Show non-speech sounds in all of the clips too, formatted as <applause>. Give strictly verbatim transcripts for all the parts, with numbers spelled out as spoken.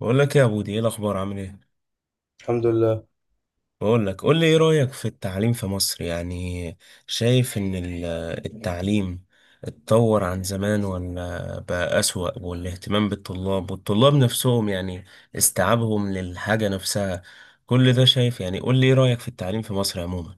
بقول لك يا بودي، ايه الاخبار؟ عامل ايه؟ الحمد لله. بقول لك، قول لي ايه رايك في التعليم في مصر؟ يعني شايف ان ال- التعليم اتطور عن زمان ولا بقى اسوأ؟ والاهتمام بالطلاب، والطلاب نفسهم، يعني استيعابهم للحاجه نفسها، كل ده شايف؟ يعني قول لي ايه رايك في التعليم في مصر عموما.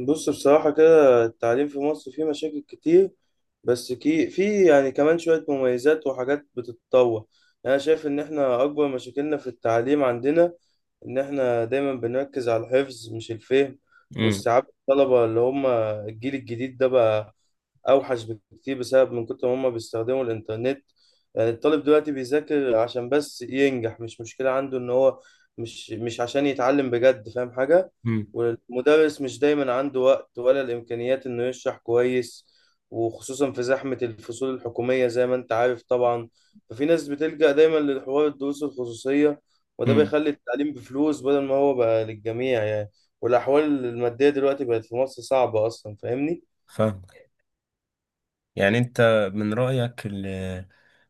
بص، بصراحة كده التعليم في مصر فيه مشاكل كتير، بس كي في يعني كمان شوية مميزات وحاجات بتتطور. يعني أنا شايف إن إحنا أكبر مشاكلنا في التعليم عندنا إن إحنا دايما بنركز على الحفظ مش الفهم امم. واستيعاب الطلبة اللي هم الجيل الجديد ده بقى اوحش بكتير بسبب من كتر ما هم بيستخدموا الانترنت. يعني الطالب دلوقتي بيذاكر عشان بس ينجح، مش مشكلة عنده ان هو مش مش عشان يتعلم بجد فاهم حاجة. امم. والمدرس مش دايما عنده وقت ولا الامكانيات انه يشرح كويس، وخصوصا في زحمة الفصول الحكومية زي ما انت عارف طبعا. ففي ناس بتلجأ دايما لحوار الدروس الخصوصية، وده امم. بيخلي التعليم بفلوس بدل ما هو بقى للجميع يعني. والأحوال المادية دلوقتي بقت في مصر صعبة أصلا، فاهمني؟ فاهم. يعني انت من رايك ال-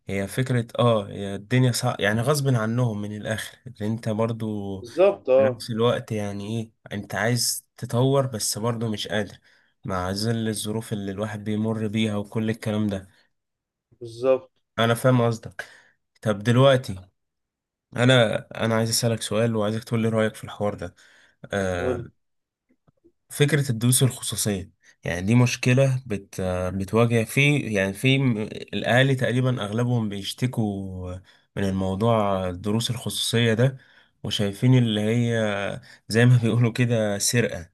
هي فكرة، اه هي الدنيا صعب، يعني غصب عنهم من الآخر اللي انت برضو بالظبط، في اه. نفس الوقت، يعني ايه، انت عايز تطور بس برضه مش قادر مع ظل الظروف اللي الواحد بيمر بيها وكل الكلام ده. بالظبط. انا فاهم قصدك. طب دلوقتي، انا انا عايز اسالك سؤال، وعايزك تقول لي رايك في الحوار ده. قول آه لي. فكره الدروس الخصوصيه، يعني دي مشكله بت آه، بتواجه في، يعني في م- الاهالي تقريبا اغلبهم بيشتكوا من الموضوع، الدروس الخصوصيه ده. وشايفين اللي هي زي ما <laughs> بيقولوا كده سرقه،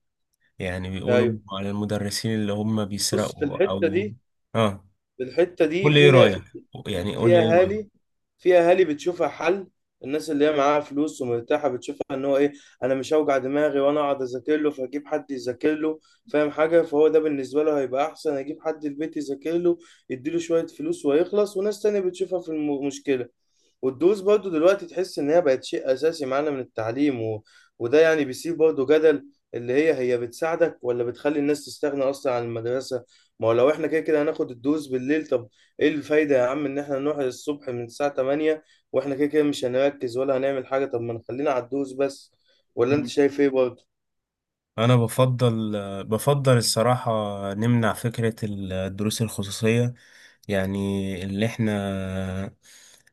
يعني بيقولوا ايوه. على المدرسين اللي هم بص، في بيسرقوا الحته او دي اه. في الحته دي قول لي ايه في رايك، يعني قول في لي ايه رايك. اهالي في اهالي بتشوفها حل. الناس اللي هي معاها فلوس ومرتاحه بتشوفها ان هو ايه، انا مش هوجع دماغي وانا اقعد اذاكر له، فاجيب حد يذاكر له فاهم حاجه، فهو ده بالنسبه له هيبقى احسن اجيب حد البيت يذاكر له، يديله شويه فلوس ويخلص. وناس تانية بتشوفها في المشكله، والدروس برضو دلوقتي تحس ان هي بقت شيء اساسي معانا من التعليم و... وده يعني بيسيب برضو جدل اللي هي هي بتساعدك ولا بتخلي الناس تستغنى اصلا عن المدرسه. ما هو لو احنا كده كده هناخد الدروس بالليل، طب ايه الفايده يا عم ان احنا نروح الصبح من الساعه تمانية واحنا كده كده مش هنركز ولا هنعمل حاجه؟ طب ما نخلينا على الدروس بس، ولا انت شايف ايه برضو؟ انا بفضل، بفضل الصراحة، نمنع فكرة الدروس الخصوصية. يعني اللي احنا،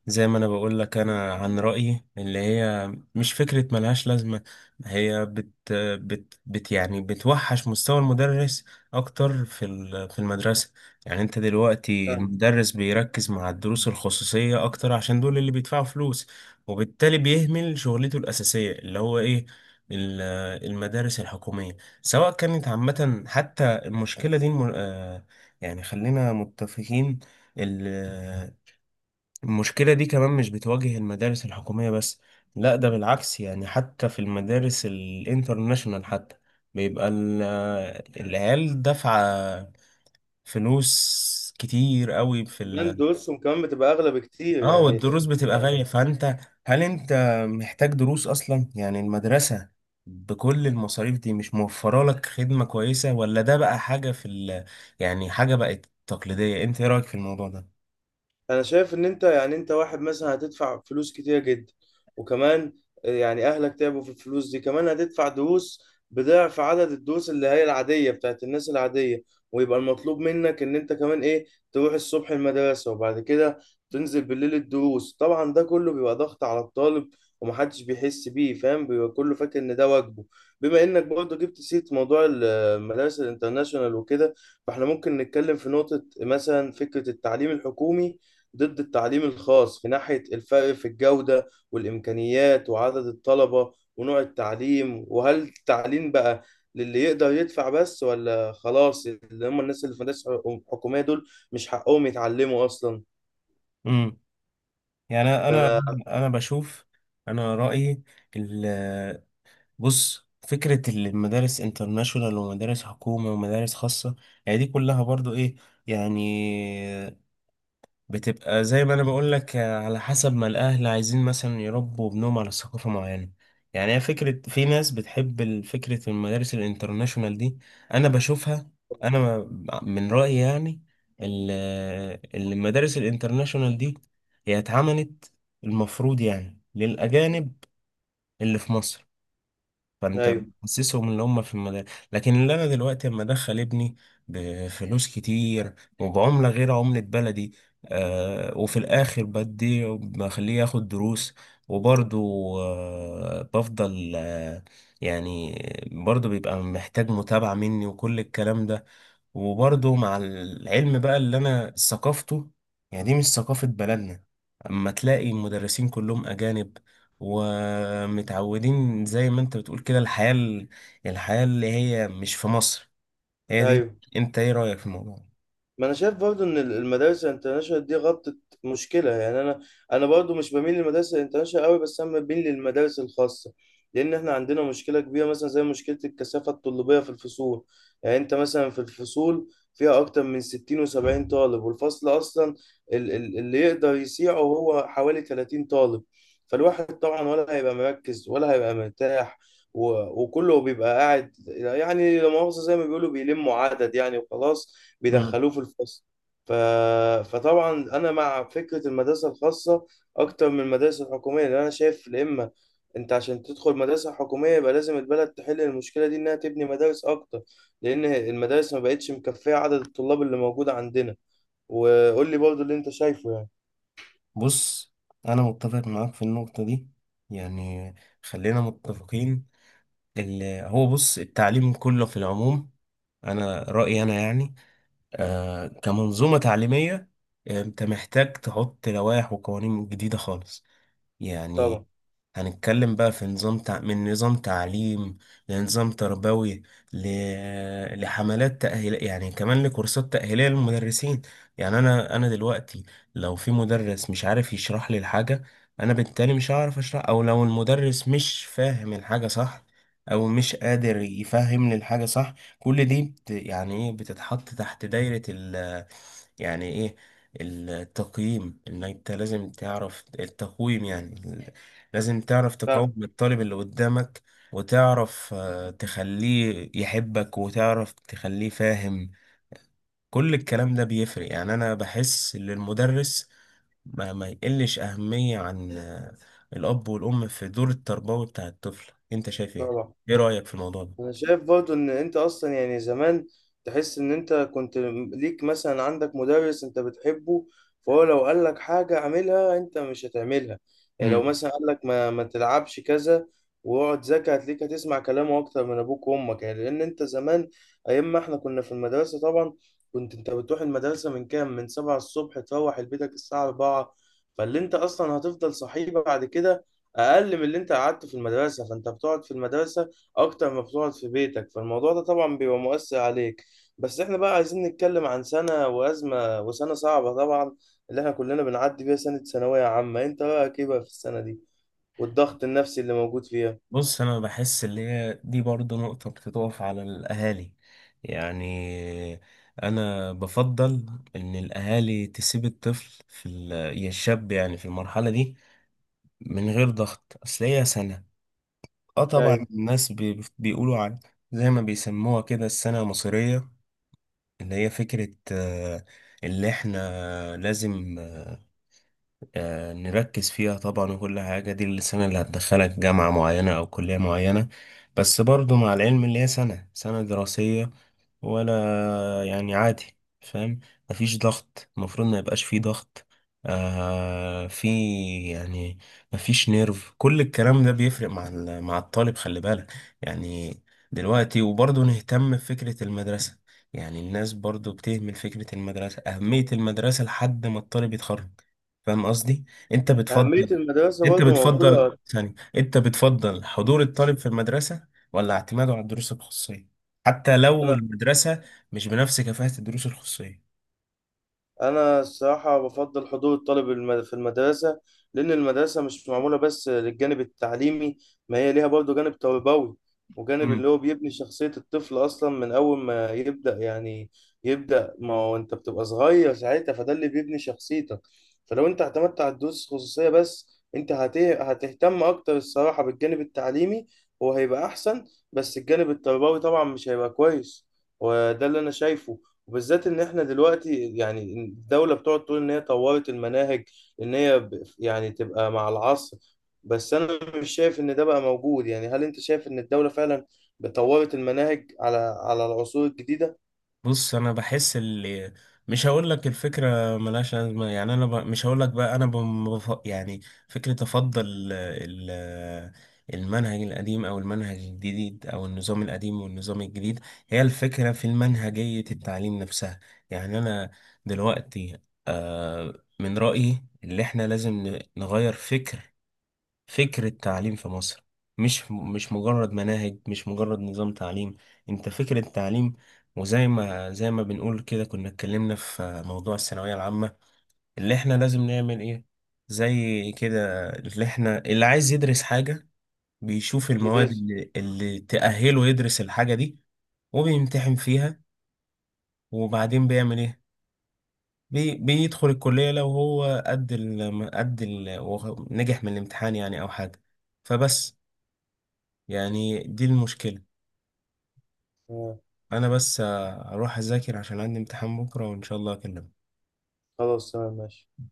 زي ما انا بقول لك، انا عن رأيي، اللي هي مش فكرة، ملهاش لازمة. هي بت بت بت يعني بتوحش مستوى المدرس اكتر في ال- في المدرسة. يعني انت دلوقتي، فاهم. المدرس بيركز مع الدروس الخصوصية اكتر عشان دول اللي بيدفعوا فلوس، وبالتالي بيهمل شغلته الأساسية، اللي هو ايه، المدارس الحكومية، سواء كانت عامة. حتى المشكلة دي الم- آه، يعني خلينا متفقين، ال- آه، المشكلة دي كمان مش بتواجه المدارس الحكومية بس، لا ده بالعكس، يعني حتى في المدارس الانترناشونال حتى بيبقى ال- آه، العيال دافعة فلوس كتير قوي في، كمان دروسهم كمان بتبقى اغلى بكتير اه يعني. والدروس بتبقى غالية. فانت هل انت محتاج دروس اصلا؟ يعني المدرسة بكل المصاريف دي مش موفرة لك خدمة كويسة؟ ولا ده بقى حاجة في، ال... يعني حاجة بقت تقليدية؟ انت ايه رأيك في الموضوع ده؟ انا شايف ان انت يعني انت واحد مثلا هتدفع فلوس كتير جدا، وكمان يعني اهلك تعبوا في الفلوس دي، كمان هتدفع دروس بضعف عدد الدروس اللي هي العادية بتاعت الناس العادية، ويبقى المطلوب منك ان انت كمان ايه، تروح الصبح المدرسة وبعد كده تنزل بالليل الدروس. طبعا ده كله بيبقى ضغط على الطالب ومحدش بيحس بيه، فاهم، بيبقى كله فاكر ان ده واجبه. بما انك برضه جبت سيرة موضوع المدارس الانترناشونال وكده، فاحنا ممكن نتكلم في نقطة مثلا، فكرة التعليم الحكومي ضد التعليم الخاص في ناحية الفرق في الجودة والإمكانيات وعدد الطلبة ونوع التعليم، وهل التعليم بقى للي يقدر يدفع بس ولا خلاص اللي هم الناس اللي في مدارس حكومية دول مش حقهم يتعلموا أصلا؟ امم. يعني انا، فأنا انا بشوف، انا رأيي، ال... بص فكرة المدارس انترناشونال ومدارس حكومة ومدارس خاصة، يعني دي كلها برضو ايه، يعني بتبقى زي ما انا بقول لك على حسب ما الاهل عايزين مثلا يربوا ابنهم على ثقافه معينه. يعني هي فكره، في ناس بتحب ال- فكره المدارس الانترناشونال دي. انا بشوفها، انا ما- من رايي، يعني ال- المدارس الانترناشونال دي هي اتعملت المفروض يعني للاجانب اللي في مصر. فانت أيوه، بتحسسهم ان هم في المدارس، لكن اللي انا دلوقتي اما ادخل ابني بفلوس كتير وبعملة غير عملة بلدي، آه وفي الاخر بدي بخليه ياخد دروس. وبرضه، آه بفضل آه يعني برضه بيبقى محتاج متابعة مني وكل الكلام ده، وبرضه مع العلم بقى، اللي انا ثقافته، يعني دي مش ثقافة بلدنا. اما تلاقي المدرسين كلهم اجانب ومتعودين زي ما انت بتقول كده الحياة ال- الحياة اللي هي مش في مصر هي دي. أيوه. انت ايه رأيك في الموضوع؟ ما انا شايف برضو ان المدارس الانترناشونال دي غطت مشكله يعني. انا انا برضو مش بميل للمدارس الانترناشونال قوي، بس انا بميل للمدارس الخاصه، لان احنا عندنا مشكله كبيره مثلا زي مشكله الكثافه الطلابيه في الفصول. يعني انت مثلا في الفصول فيها اكتر من ستين و70 طالب، والفصل اصلا ال- ال- اللي يقدر يسيعه هو حوالي ثلاثين طالب، فالواحد طبعا ولا هيبقى مركز ولا هيبقى مرتاح. و- وكله بيبقى قاعد يعني، لا مؤاخذة زي ما بيقولوا، بيلموا عدد يعني وخلاص مم. بيدخلوه في الفصل. ف... فطبعا انا مع فكره المدرسه الخاصه اكتر من المدارس الحكوميه، لان انا شايف يا اما انت عشان تدخل مدرسه حكوميه يبقى لازم البلد تحل المشكله دي انها تبني مدارس اكتر، لان المدارس ما بقتش مكفيه عدد الطلاب اللي موجوده عندنا. وقول لي برضو اللي انت شايفه يعني. بص، انا متفق معاك في النقطة دي. يعني خلينا متفقين، اللي هو بص التعليم كله في العموم، انا رأيي انا، يعني آه كمنظومة تعليمية، آه، انت محتاج تحط لوائح وقوانين جديدة خالص. يعني طبعا. هنتكلم بقى في نظام تع... من نظام تعليم، لنظام تربوي، ل... لحملات تأهيل، يعني كمان لكورسات تأهيلية للمدرسين. يعني أنا أنا دلوقتي، لو في مدرس مش عارف يشرح لي الحاجة، أنا بالتالي مش هعرف أشرح، أو لو المدرس مش فاهم الحاجة صح، أو مش قادر يفهمني الحاجة صح، كل دي بت... يعني إيه، بتتحط تحت دايرة، ال... يعني إيه، التقييم. ان انت لازم تعرف التقويم، يعني ال- لازم تعرف تقوم فاهم. الطالب اللي قدامك، وتعرف آه، تخليه يحبك، وتعرف تخليه فاهم. كل الكلام ده بيفرق. يعني انا بحس ان المدرس ما, ما يقلش اهمية عن آه، الاب والام في دور التربوي بتاع الطفل. انت شايف ايه؟ طبعا. ايه رأيك في الموضوع ده؟ انا شايف برضو ان انت اصلا يعني زمان تحس ان انت كنت ليك مثلا عندك مدرس انت بتحبه، فهو لو قال لك حاجة اعملها انت مش هتعملها. يعني لو مم. مثلا قال لك ما, ما تلعبش كذا واقعد ذاكر، هتلاقيك هتسمع كلامه اكتر من ابوك وامك، يعني لان انت زمان ايام ما احنا كنا في المدرسة طبعا، كنت انت بتروح المدرسة من كام، من سبعة الصبح، تروح لبيتك الساعة أربعة، فاللي انت اصلا هتفضل صحيح بعد كده اقل من اللي انت قعدته في المدرسة، فانت بتقعد في المدرسة اكتر ما بتقعد في بيتك، فالموضوع ده طبعا بيبقى مؤثر عليك. بس احنا بقى عايزين نتكلم عن سنة وأزمة، وسنة صعبة طبعا اللي احنا كلنا بنعدي بيها، سنة ثانوية عامة. انت رأيك ايه بقى في السنة دي والضغط النفسي اللي موجود فيها؟ بص، انا بحس اللي هي دي برضو نقطة بتتقف على الاهالي. يعني انا بفضل ان الاهالي تسيب الطفل في ال- يا الشاب، يعني في المرحلة دي من غير ضغط. اصل هي سنة، اه طبعا ايوه. الناس بي- بيقولوا عن، زي ما بيسموها كده السنة المصرية، اللي هي فكرة، آه، اللي احنا لازم آه، نركز فيها طبعا. وكل حاجة دي، اللي السنة اللي هتدخلك جامعة معينة أو كلية معينة، بس برضو مع العلم اللي هي سنة سنة دراسية ولا، يعني عادي، فاهم، مفيش ضغط. المفروض ما يبقاش فيه ضغط، آه في يعني مفيش نيرف. كل الكلام ده بيفرق مع ال- مع الطالب، خلي بالك. يعني دلوقتي وبرضه نهتم بفكرة المدرسة، يعني الناس برضه بتهمل فكرة المدرسة، أهمية المدرسة لحد ما الطالب يتخرج. فاهم قصدي؟ انت أهمية بتفضل، المدرسة انت برضه بتفضل موجودة. ثاني، انت بتفضل حضور الطالب في المدرسة ولا اعتماده على الدروس الخصوصية، حتى لو أنا المدرسة مش بنفس كفاءة الدروس الخصوصية؟ انا الصراحه بفضل حضور الطالب الم- في المدرسه، لان المدرسه مش معموله بس للجانب التعليمي، ما هي ليها برضه جانب تربوي، وجانب اللي هو بيبني شخصيه الطفل اصلا من اول ما يبدا يعني يبدا ما هو انت بتبقى صغير ساعتها، فده اللي بيبني شخصيتك. فلو انت اعتمدت على الدروس الخصوصيه بس، انت هت- هتهتم اكتر الصراحه بالجانب التعليمي وهيبقى احسن، بس الجانب التربوي طبعا مش هيبقى كويس. وده اللي انا شايفه. وبالذات ان احنا دلوقتي يعني الدولة بتقعد تقول ان هي طورت المناهج، ان هي ب- يعني تبقى مع العصر، بس انا مش شايف ان ده بقى موجود. يعني هل انت شايف ان الدولة فعلا طورت المناهج على على العصور الجديدة؟ بص انا بحس اللي، مش هقول لك الفكره ملهاش لازمه، يعني انا ب... مش هقول لك بقى انا بم... بف- يعني فكره افضل ال... المنهج القديم او المنهج الجديد او النظام القديم والنظام الجديد، هي الفكره في المنهجيه التعليم نفسها. يعني انا دلوقتي، آه، من رايي اللي احنا لازم ن- نغير فكر، فكرة تعليم في مصر، مش مش مجرد مناهج، مش مجرد نظام تعليم. انت فكرة تعليم. وزي ما زي ما بنقول كده، كنا اتكلمنا في موضوع الثانوية العامة اللي احنا لازم نعمل ايه. زي كده، اللي احنا اللي عايز يدرس حاجة بيشوف المواد جديدة، اللي, اللي تأهله يدرس الحاجة دي، وبيمتحن فيها، وبعدين بيعمل ايه، بي بيدخل الكلية لو هو قد ال قد ال وهو نجح من الامتحان، يعني او حاجة. فبس، يعني دي المشكلة. آه. أنا بس، آه، أروح أذاكر عشان عندي امتحان بكرة، وإن شاء الله أكلمك. خلاص، تمام، ماشي.